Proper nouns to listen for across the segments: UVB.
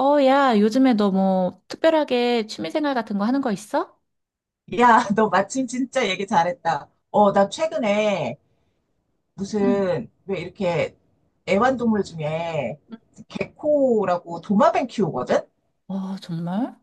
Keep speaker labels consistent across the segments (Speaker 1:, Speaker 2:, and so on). Speaker 1: 어, 야, 요즘에 너 뭐 특별하게 취미생활 같은 거 하는 거 있어?
Speaker 2: 야, 너 마침 진짜 얘기 잘했다. 나 최근에
Speaker 1: 응.
Speaker 2: 무슨, 왜 이렇게 애완동물 중에 개코라고 도마뱀 키우거든?
Speaker 1: 와, 정말?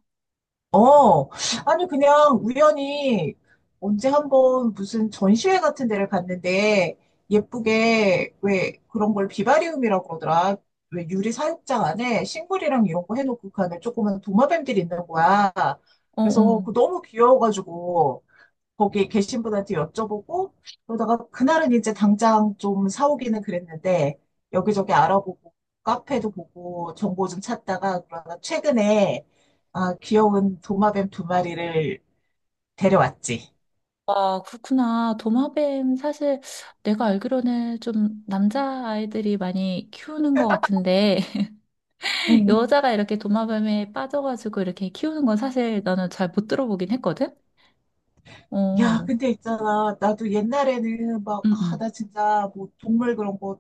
Speaker 2: 어, 아니, 그냥 우연히 언제 한번 무슨 전시회 같은 데를 갔는데 예쁘게 왜 그런 걸 비바리움이라고 그러더라. 왜 유리 사육장 안에 식물이랑 이런 거 해놓고 그 안에 조그만 도마뱀들이 있는 거야.
Speaker 1: 어,
Speaker 2: 그래서
Speaker 1: 어.
Speaker 2: 그 너무 귀여워가지고 거기 계신 분한테 여쭤보고 그러다가 그날은 이제 당장 좀 사오기는 그랬는데 여기저기 알아보고 카페도 보고 정보 좀 찾다가 그러다 최근에 귀여운 도마뱀 두 마리를 데려왔지.
Speaker 1: 와, 그렇구나. 도마뱀 사실 내가 알기로는 좀 남자아이들이 많이 키우는 것 같은데 여자가 이렇게 도마뱀에 빠져가지고 이렇게 키우는 건 사실 나는 잘 못 들어보긴 했거든?
Speaker 2: 야,
Speaker 1: 어,
Speaker 2: 근데 있잖아. 나도 옛날에는 막,
Speaker 1: 응, 응.
Speaker 2: 나 진짜 뭐 동물 그런 거,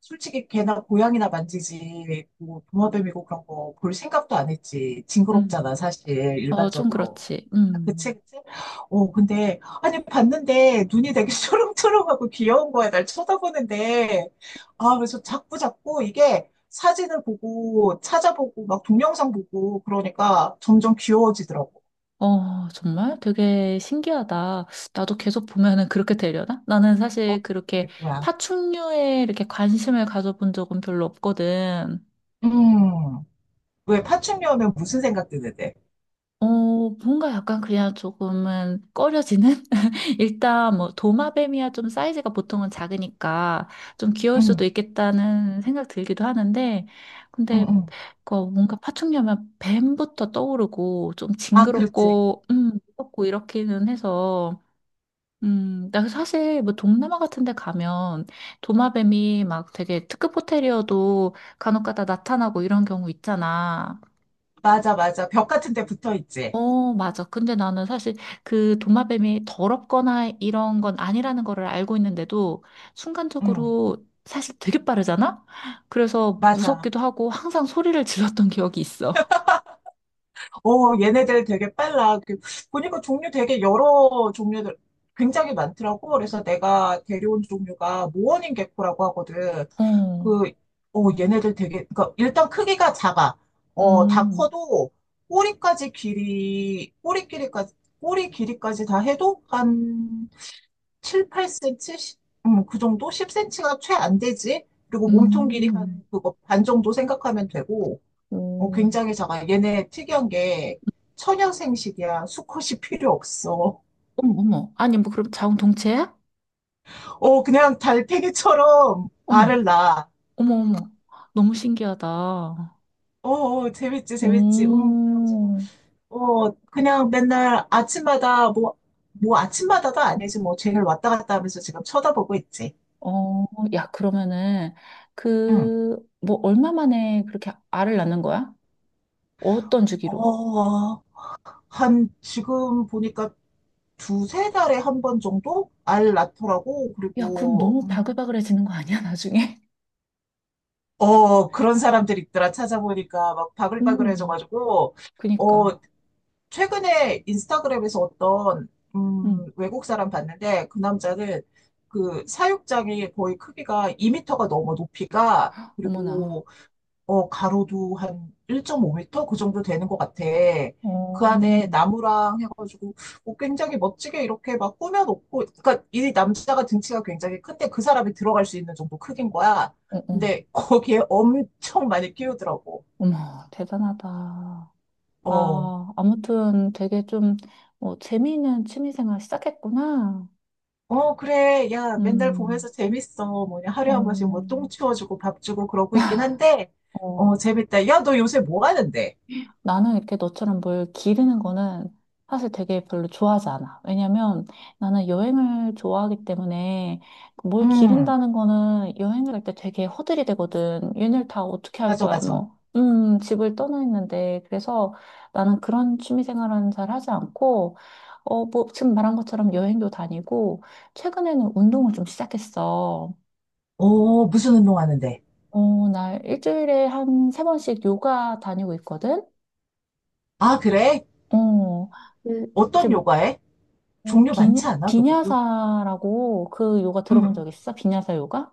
Speaker 2: 솔직히 개나 고양이나 만지지, 뭐 도마뱀이고 그런 거 볼 생각도 안 했지.
Speaker 1: 응.
Speaker 2: 징그럽잖아, 사실,
Speaker 1: 어, 좀
Speaker 2: 일반적으로.
Speaker 1: 그렇지.
Speaker 2: 그치,
Speaker 1: 음.
Speaker 2: 그치? 어, 근데, 아니, 봤는데 눈이 되게 초롱초롱하고 귀여운 거야. 날 쳐다보는데. 그래서 자꾸 자꾸 이게 사진을 보고 찾아보고 막 동영상 보고 그러니까 점점 귀여워지더라고.
Speaker 1: 어, 정말 되게 신기하다. 나도 계속 보면은 그렇게 되려나? 나는
Speaker 2: 어,
Speaker 1: 사실 그렇게
Speaker 2: 그거야.
Speaker 1: 파충류에 이렇게 관심을 가져본 적은 별로 없거든.
Speaker 2: 음. 왜 파충류 하면 무슨 생각 드는데?
Speaker 1: 어, 뭔가 약간 그냥 조금은 꺼려지는? 일단 뭐 도마뱀이야 좀 사이즈가 보통은 작으니까 좀 귀여울 수도
Speaker 2: 응,
Speaker 1: 있겠다는 생각 들기도 하는데,
Speaker 2: 응,
Speaker 1: 근데
Speaker 2: 응.
Speaker 1: 그 뭔가 파충류면 뱀부터 떠오르고 좀
Speaker 2: 아, 그렇지.
Speaker 1: 징그럽고, 무섭고 이렇기는 해서 나 사실 뭐 동남아 같은 데 가면 도마뱀이 막 되게 특급 호텔이어도 간혹가다 나타나고 이런 경우 있잖아.
Speaker 2: 맞아, 맞아. 벽 같은 데 붙어 있지.
Speaker 1: 어, 맞아. 근데 나는 사실 그 도마뱀이 더럽거나 이런 건 아니라는 거를 알고 있는데도
Speaker 2: 응,
Speaker 1: 순간적으로 사실 되게 빠르잖아? 그래서
Speaker 2: 맞아.
Speaker 1: 무섭기도 하고 항상 소리를 질렀던 기억이 있어.
Speaker 2: 어, 얘네들 되게 빨라. 보니까 종류 되게 여러 종류들 굉장히 많더라고. 그래서 내가 데려온 종류가 모어닝 개코라고 하거든.
Speaker 1: 어,
Speaker 2: 그, 얘네들 되게, 그러니까 일단 크기가 작아. 어, 다
Speaker 1: 음,
Speaker 2: 커도 꼬리까지 길이, 꼬리 길이까지, 꼬리 길이까지 다 해도 한 7, 8cm, 그 정도? 10cm가 최 안 되지? 그리고 몸통 길이
Speaker 1: 음,
Speaker 2: 한 그거 반 정도 생각하면 되고, 어,
Speaker 1: 음.
Speaker 2: 굉장히 작아. 얘네 특이한 게천연 생식이야. 수컷이 필요 없어.
Speaker 1: 어머, 어머. 아니, 뭐 그럼 자웅 동체야?
Speaker 2: 그냥 달팽이처럼
Speaker 1: 어머.
Speaker 2: 알을 낳아.
Speaker 1: 어머, 어머. 너무 신기하다.
Speaker 2: 어, 어, 재밌지, 재밌지. 그래가지고,
Speaker 1: 오,
Speaker 2: 그냥 맨날 아침마다 뭐, 아침마다도 아니지. 뭐 쟤를 왔다 갔다 하면서 지금 쳐다보고 있지.
Speaker 1: 어, 야, 그러면은,
Speaker 2: 응.
Speaker 1: 그, 뭐, 얼마 만에 그렇게 알을 낳는 거야? 어떤 주기로?
Speaker 2: 어, 한 지금 보니까 두세 달에 한 번 정도 알 낳더라고.
Speaker 1: 야, 그럼
Speaker 2: 그리고
Speaker 1: 너무 바글바글해지는 거 아니야, 나중에?
Speaker 2: 그런 사람들 있더라. 찾아보니까 막
Speaker 1: 음,
Speaker 2: 바글바글해져가지고 어
Speaker 1: 그니까.
Speaker 2: 최근에 인스타그램에서 어떤
Speaker 1: 음,
Speaker 2: 외국 사람 봤는데 그 남자는 그 사육장이 거의 크기가 2미터가 넘어 높이가.
Speaker 1: 어머나.
Speaker 2: 그리고 어, 가로도 한 1.5m? 그 정도 되는 것 같아.
Speaker 1: 어,
Speaker 2: 그 안에
Speaker 1: 어,
Speaker 2: 나무랑 해가지고, 뭐 굉장히 멋지게 이렇게 막 꾸며놓고, 그니까 이 남자가 등치가 굉장히 큰데 그 사람이 들어갈 수 있는 정도 크긴 거야.
Speaker 1: 어.
Speaker 2: 근데 거기에 엄청 많이 끼우더라고.
Speaker 1: 어머, 대단하다.
Speaker 2: 어.
Speaker 1: 아, 아무튼 되게 좀, 뭐, 재미있는 취미생활 시작했구나.
Speaker 2: 어, 그래. 야, 맨날
Speaker 1: 음,
Speaker 2: 보면서 재밌어. 뭐냐, 하루에 한 번씩 뭐
Speaker 1: 어,
Speaker 2: 똥 치워주고 밥 주고 그러고 있긴 한데,
Speaker 1: 어.
Speaker 2: 어, 재밌다. 야, 너 요새 뭐 하는데?
Speaker 1: 나는 이렇게 너처럼 뭘 기르는 거는 사실 되게 별로 좋아하지 않아. 왜냐면 나는 여행을 좋아하기 때문에 뭘
Speaker 2: 음,
Speaker 1: 기른다는 거는 여행을 할 때 되게 허들이 되거든. 얘네를 다 어떻게 할
Speaker 2: 맞아,
Speaker 1: 거야,
Speaker 2: 맞아.
Speaker 1: 뭐. 집을 떠나 있는데. 그래서 나는 그런 취미 생활은 잘 하지 않고, 어, 뭐, 지금 말한 것처럼 여행도 다니고, 최근에는 운동을 좀 시작했어.
Speaker 2: 오, 무슨 운동 하는데?
Speaker 1: 어, 나 일주일에 한 세 번씩 요가 다니고 있거든?
Speaker 2: 아, 그래?
Speaker 1: 어, 그 이제
Speaker 2: 어떤
Speaker 1: 뭐
Speaker 2: 요가에?
Speaker 1: 어,
Speaker 2: 종류
Speaker 1: 비,
Speaker 2: 많지 않아, 그것도?
Speaker 1: 비냐사라고 그 요가
Speaker 2: 응,
Speaker 1: 들어본
Speaker 2: 응.
Speaker 1: 적 있어? 비냐사 요가?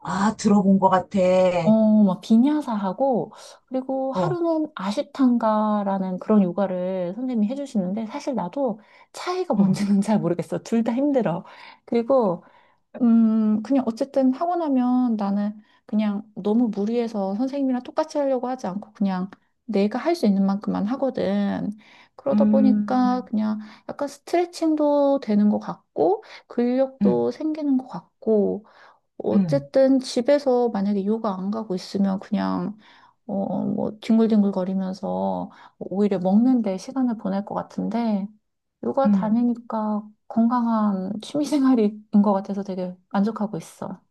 Speaker 2: 아, 들어본 것 같아.
Speaker 1: 어, 막 비냐사하고 그리고
Speaker 2: 어,
Speaker 1: 하루는 아시탄가라는 그런 요가를 선생님이 해주시는데 사실 나도 차이가
Speaker 2: 응.
Speaker 1: 뭔지는 잘 모르겠어. 둘 다 힘들어. 그리고 그냥 어쨌든 하고 나면 나는 그냥 너무 무리해서 선생님이랑 똑같이 하려고 하지 않고 그냥 내가 할 수 있는 만큼만 하거든. 그러다 보니까
Speaker 2: 음,
Speaker 1: 그냥 약간 스트레칭도 되는 것 같고,
Speaker 2: 응,
Speaker 1: 근력도 생기는 것 같고,
Speaker 2: 응,
Speaker 1: 어쨌든 집에서 만약에 요가 안 가고 있으면 그냥 어, 뭐, 뒹굴뒹굴거리면서 오히려 먹는데 시간을 보낼 것 같은데, 요가
Speaker 2: 응.
Speaker 1: 다니니까 건강한 취미생활인 것 같아서 되게 만족하고 있어.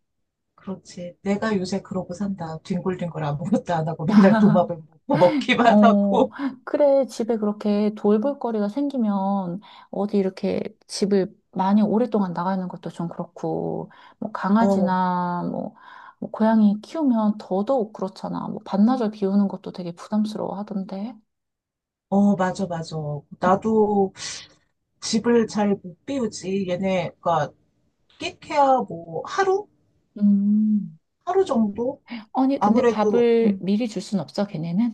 Speaker 2: 그렇지. 내가 요새 그러고 산다. 뒹굴뒹굴 아무것도 안 하고 맨날 도마뱀 먹고 먹기만
Speaker 1: 어,
Speaker 2: 하고.
Speaker 1: 그래, 집에 그렇게 돌볼 거리가 생기면 어디 이렇게 집을 많이 오랫동안 나가는 것도 좀 그렇고, 뭐,
Speaker 2: 어,
Speaker 1: 강아지나 뭐, 뭐 고양이 키우면 더더욱 그렇잖아. 뭐, 반나절 비우는 것도 되게 부담스러워 하던데.
Speaker 2: 어, 맞아, 맞아. 나도 집을 잘 못 비우지. 얘네가 끽해야 뭐 하루?
Speaker 1: 음.
Speaker 2: 하루 정도?
Speaker 1: 아니, 근데
Speaker 2: 아무래도,
Speaker 1: 밥을 미리 줄 순 없어, 걔네는?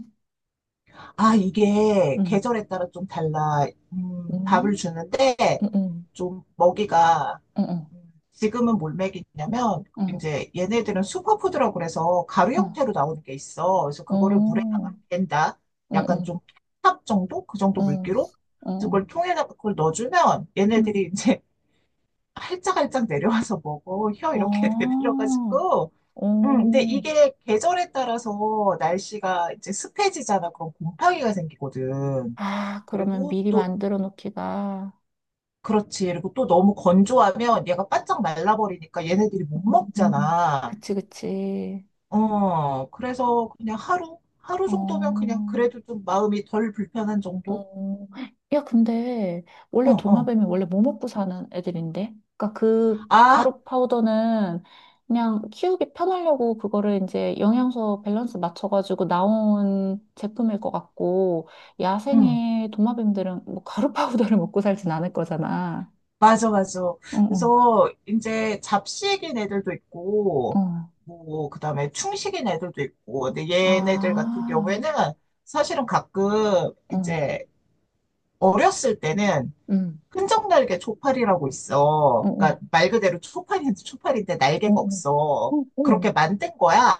Speaker 2: 이게
Speaker 1: 응.
Speaker 2: 계절에 따라 좀 달라. 밥을
Speaker 1: 음,
Speaker 2: 주는데
Speaker 1: 응, 응,
Speaker 2: 좀 먹이가
Speaker 1: 응, 응,
Speaker 2: 지금은 뭘 먹이냐면
Speaker 1: 응,
Speaker 2: 이제 얘네들은 슈퍼푸드라고 그래서 가루
Speaker 1: 응,
Speaker 2: 형태로 나오는 게 있어. 그래서 그거를
Speaker 1: 어,
Speaker 2: 물에다가 깬다.
Speaker 1: 응,
Speaker 2: 약간
Speaker 1: 응,
Speaker 2: 좀 탑 정도? 그 정도
Speaker 1: 응,
Speaker 2: 물기로?
Speaker 1: 응,
Speaker 2: 그래서
Speaker 1: 응.
Speaker 2: 그걸 통에다가 그걸 넣어주면
Speaker 1: 응.
Speaker 2: 얘네들이 이제 활짝활짝 내려와서 먹어. 혀 이렇게
Speaker 1: 아,
Speaker 2: 내밀어가지고. 근데
Speaker 1: 오.
Speaker 2: 이게 계절에 따라서 날씨가 이제 습해지잖아. 그럼 곰팡이가 생기거든.
Speaker 1: 아, 그러면
Speaker 2: 그리고
Speaker 1: 미리
Speaker 2: 또,
Speaker 1: 만들어 놓기가.
Speaker 2: 그렇지. 그리고 또 너무 건조하면 얘가 바짝 말라버리니까 얘네들이 못
Speaker 1: 음,
Speaker 2: 먹잖아.
Speaker 1: 그치, 그치.
Speaker 2: 그래서 그냥 하루? 하루
Speaker 1: 어.
Speaker 2: 정도면 그냥 그래도 좀 마음이 덜 불편한 정도?
Speaker 1: 어, 야, 근데
Speaker 2: 어,
Speaker 1: 원래
Speaker 2: 어.
Speaker 1: 도마뱀이 원래 뭐 먹고 사는 애들인데? 그러니까 그
Speaker 2: 아,
Speaker 1: 가루 파우더는 그냥 키우기 편하려고 그거를 이제 영양소 밸런스 맞춰가지고 나온 제품일 것 같고
Speaker 2: 응.
Speaker 1: 야생의 도마뱀들은 뭐 가루 파우더를 먹고 살진 않을 거잖아.
Speaker 2: 맞아, 맞아.
Speaker 1: 어, 어,
Speaker 2: 그래서 이제 잡식인 애들도 있고,
Speaker 1: 어.
Speaker 2: 뭐, 그 다음에 충식인 애들도 있고, 근데 얘네들 같은
Speaker 1: 아,
Speaker 2: 경우에는 사실은 가끔
Speaker 1: 어,
Speaker 2: 이제 어렸을 때는
Speaker 1: 음,
Speaker 2: 끈적 날개 초파리라고
Speaker 1: 어,
Speaker 2: 있어.
Speaker 1: 어,
Speaker 2: 그러니까 말 그대로 초파리데 초파리인데
Speaker 1: 어,
Speaker 2: 날개가
Speaker 1: 어,
Speaker 2: 없어.
Speaker 1: 어, 어머,
Speaker 2: 그렇게 만든 거야.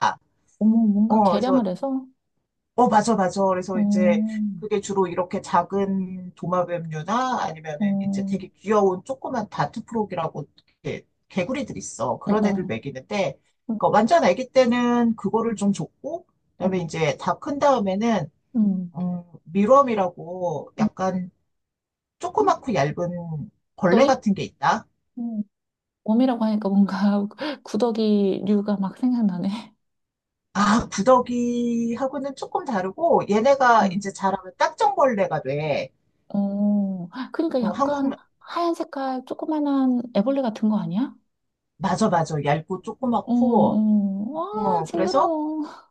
Speaker 1: 어머, 뭔가
Speaker 2: 어, 그래서
Speaker 1: 개량을 해서,
Speaker 2: 맞아, 맞아. 그래서 이제
Speaker 1: 어,
Speaker 2: 그게 주로 이렇게 작은 도마뱀류나 아니면은 이제
Speaker 1: 어,
Speaker 2: 되게 귀여운 조그만 다트프로기라고 이렇게 개구리들 있어.
Speaker 1: 어,
Speaker 2: 그런 애들
Speaker 1: 어.
Speaker 2: 먹이는데, 그러니까 완전 아기 때는 그거를 좀 줬고, 그다음에
Speaker 1: 음,
Speaker 2: 이제 다 큰 다음에는,
Speaker 1: 음,
Speaker 2: 밀웜이라고
Speaker 1: 음,
Speaker 2: 약간 조그맣고 얇은 벌레
Speaker 1: 구더기?
Speaker 2: 같은 게 있다.
Speaker 1: 음, 웜이라고 하니까 뭔가 구더기류가 막 생각나네.
Speaker 2: 구더기하고는 조금 다르고, 얘네가
Speaker 1: 응.
Speaker 2: 이제 자라면 딱정벌레가 돼.
Speaker 1: 어, 그러니까
Speaker 2: 어, 한국,
Speaker 1: 약간 하얀 색깔 조그만한 애벌레 같은 거 아니야?
Speaker 2: 맞아, 맞아. 얇고
Speaker 1: 어,
Speaker 2: 조그맣고,
Speaker 1: 어, 와,
Speaker 2: 그래서
Speaker 1: 징그러워.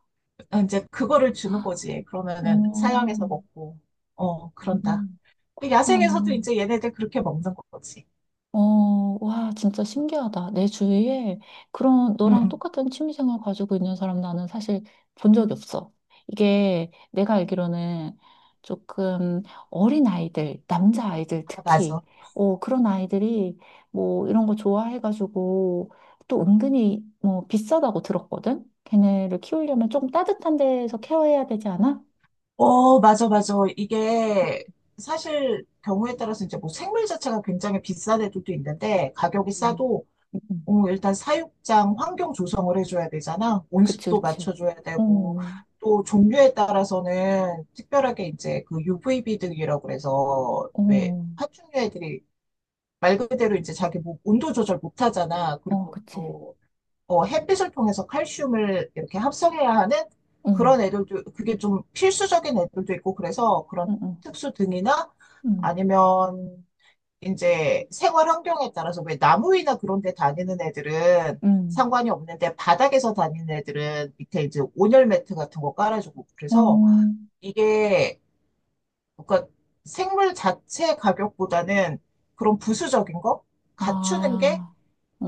Speaker 2: 이제 그거를 주는 거지. 그러면은 사양해서
Speaker 1: 어,
Speaker 2: 먹고, 어, 그런다.
Speaker 1: 음,
Speaker 2: 근데
Speaker 1: 그렇구나.
Speaker 2: 야생에서도 이제 얘네들 그렇게 먹는 거지.
Speaker 1: 어, 와, 진짜 신기하다. 내 주위에 그런
Speaker 2: 응,
Speaker 1: 너랑
Speaker 2: 응.
Speaker 1: 똑같은 취미생활 가지고 있는 사람 나는 사실 본 적이 없어. 이게 내가 알기로는 조금 어린 아이들, 남자 아이들
Speaker 2: 아,
Speaker 1: 특히,
Speaker 2: 맞아.
Speaker 1: 어, 그런 아이들이 뭐 이런 거 좋아해가지고 또 은근히 뭐 비싸다고 들었거든? 걔네를 키우려면 좀 따뜻한 데서 케어해야 되지 않아?
Speaker 2: 어, 맞아, 맞아. 이게 사실 경우에 따라서 이제 뭐 생물 자체가 굉장히 비싼 애들도 있는데 가격이
Speaker 1: 음.
Speaker 2: 싸도
Speaker 1: 음.
Speaker 2: 일단 사육장 환경 조성을 해줘야 되잖아.
Speaker 1: 그치,
Speaker 2: 온습도
Speaker 1: 그치.
Speaker 2: 맞춰줘야
Speaker 1: 어,
Speaker 2: 되고 또 종류에 따라서는 특별하게 이제 그 UVB 등이라고 그래서 왜
Speaker 1: 어,
Speaker 2: 파충류 애들이 말 그대로 이제 자기 뭐 온도 조절 못 하잖아.
Speaker 1: 어,
Speaker 2: 그리고
Speaker 1: 그치.
Speaker 2: 또, 햇빛을 통해서 칼슘을 이렇게 합성해야 하는
Speaker 1: 응.
Speaker 2: 그런 애들도, 그게 좀 필수적인 애들도 있고, 그래서 그런
Speaker 1: 응,
Speaker 2: 특수 등이나
Speaker 1: 응,
Speaker 2: 아니면 이제 생활 환경에 따라서 왜 나무 위나 그런 데 다니는 애들은
Speaker 1: 응,
Speaker 2: 상관이 없는데 바닥에서 다니는 애들은 밑에 이제 온열 매트 같은 거 깔아주고 그래서
Speaker 1: 응.
Speaker 2: 이게 그러니까 생물 자체 가격보다는 그런 부수적인 거
Speaker 1: 어,
Speaker 2: 갖추는 게
Speaker 1: 아,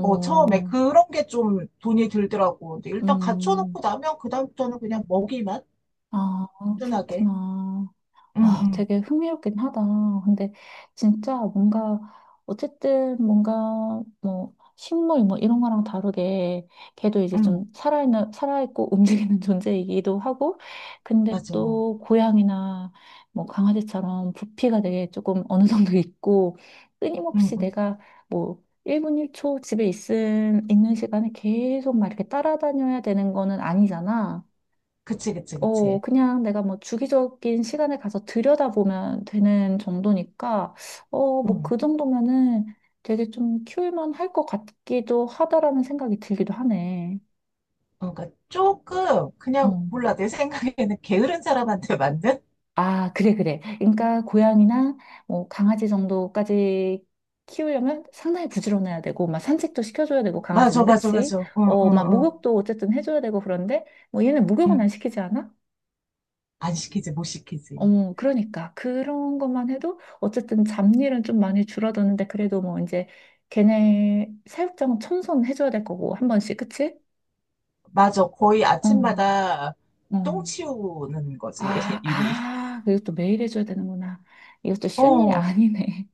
Speaker 2: 처음에 그런 게 좀 돈이 들더라고. 근데 일단
Speaker 1: 음,
Speaker 2: 갖춰놓고 나면 그다음부터는 그냥 먹이만
Speaker 1: 아,
Speaker 2: 꾸준하게.
Speaker 1: 그렇구나.
Speaker 2: 응,
Speaker 1: 와,
Speaker 2: 응,
Speaker 1: 되게 흥미롭긴 하다. 근데 진짜 뭔가 어쨌든 뭔가 뭐 식물 뭐 이런 거랑 다르게 걔도 이제
Speaker 2: 응,
Speaker 1: 좀 살아있는 살아있고 움직이는 존재이기도 하고 근데
Speaker 2: 맞아. 응,
Speaker 1: 또 고양이나 뭐 강아지처럼 부피가 되게 조금 어느 정도 있고 끊임없이
Speaker 2: 응.
Speaker 1: 내가 뭐 1분 1초 집에 있은 있는 시간에 계속 막 이렇게 따라다녀야 되는 거는 아니잖아.
Speaker 2: 그치, 그치,
Speaker 1: 어,
Speaker 2: 그치.
Speaker 1: 그냥 내가 뭐 주기적인 시간에 가서 들여다보면 되는 정도니까, 어, 뭐
Speaker 2: 응.
Speaker 1: 그 정도면은 되게 좀 키울만 할 것 같기도 하다라는 생각이 들기도 하네.
Speaker 2: 그러니까 조금, 그냥,
Speaker 1: 어.
Speaker 2: 몰라. 내 생각에는 게으른 사람한테 맞는?
Speaker 1: 아, 그래, 그래. 그러니까 고양이나 뭐 강아지 정도까지 키우려면 상당히 부지런해야 되고, 막 산책도 시켜줘야 되고,
Speaker 2: 맞아,
Speaker 1: 강아지는
Speaker 2: 맞아,
Speaker 1: 그치?
Speaker 2: 맞아. 응,
Speaker 1: 어,
Speaker 2: 응,
Speaker 1: 막
Speaker 2: 응.
Speaker 1: 목욕도 어쨌든 해줘야 되고, 그런데 뭐 얘는 목욕은 안
Speaker 2: 응.
Speaker 1: 시키지 않아?
Speaker 2: 안 시키지, 못 시키지.
Speaker 1: 어머, 그러니까. 그런 것만 해도 어쨌든 잡일은 좀 많이 줄어드는데 그래도 뭐 이제 걔네 사육장 청소는 해줘야 될 거고, 한 번씩, 그치?
Speaker 2: 맞아. 거의
Speaker 1: 어,
Speaker 2: 아침마다
Speaker 1: 어.
Speaker 2: 똥 치우는 거지,
Speaker 1: 아,
Speaker 2: 일이.
Speaker 1: 아, 그리고 또 매일 해줘야 되는구나. 이것도 쉬운 일이
Speaker 2: 어,
Speaker 1: 아니네.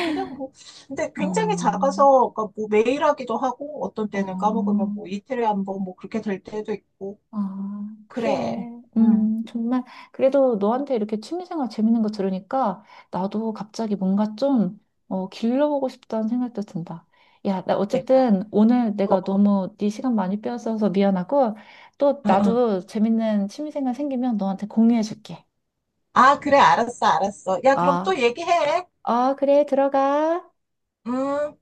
Speaker 2: 그냥 뭐, 근데 굉장히
Speaker 1: 어,
Speaker 2: 작아서, 그러니까 뭐 매일 하기도 하고, 어떤 때는 까먹으면
Speaker 1: 어.
Speaker 2: 뭐 이틀에 한 번, 뭐 그렇게 될 때도 있고,
Speaker 1: 아,
Speaker 2: 그래.
Speaker 1: 그래.
Speaker 2: 응,
Speaker 1: 정말. 그래도 너한테 이렇게 취미생활 재밌는 거 들으니까 나도 갑자기 뭔가 좀, 어, 길러보고 싶다는 생각도 든다. 야, 나
Speaker 2: 내가,
Speaker 1: 어쨌든 오늘
Speaker 2: 어,
Speaker 1: 내가
Speaker 2: 어,
Speaker 1: 너무 네 시간 많이 빼앗아서 미안하고 또
Speaker 2: 어, 어.
Speaker 1: 나도 재밌는 취미생활 생기면 너한테 공유해줄게.
Speaker 2: 아, 그래, 알았어, 알았어. 야, 그럼 또
Speaker 1: 아,
Speaker 2: 얘기해.
Speaker 1: 아, 그래. 들어가.
Speaker 2: 음.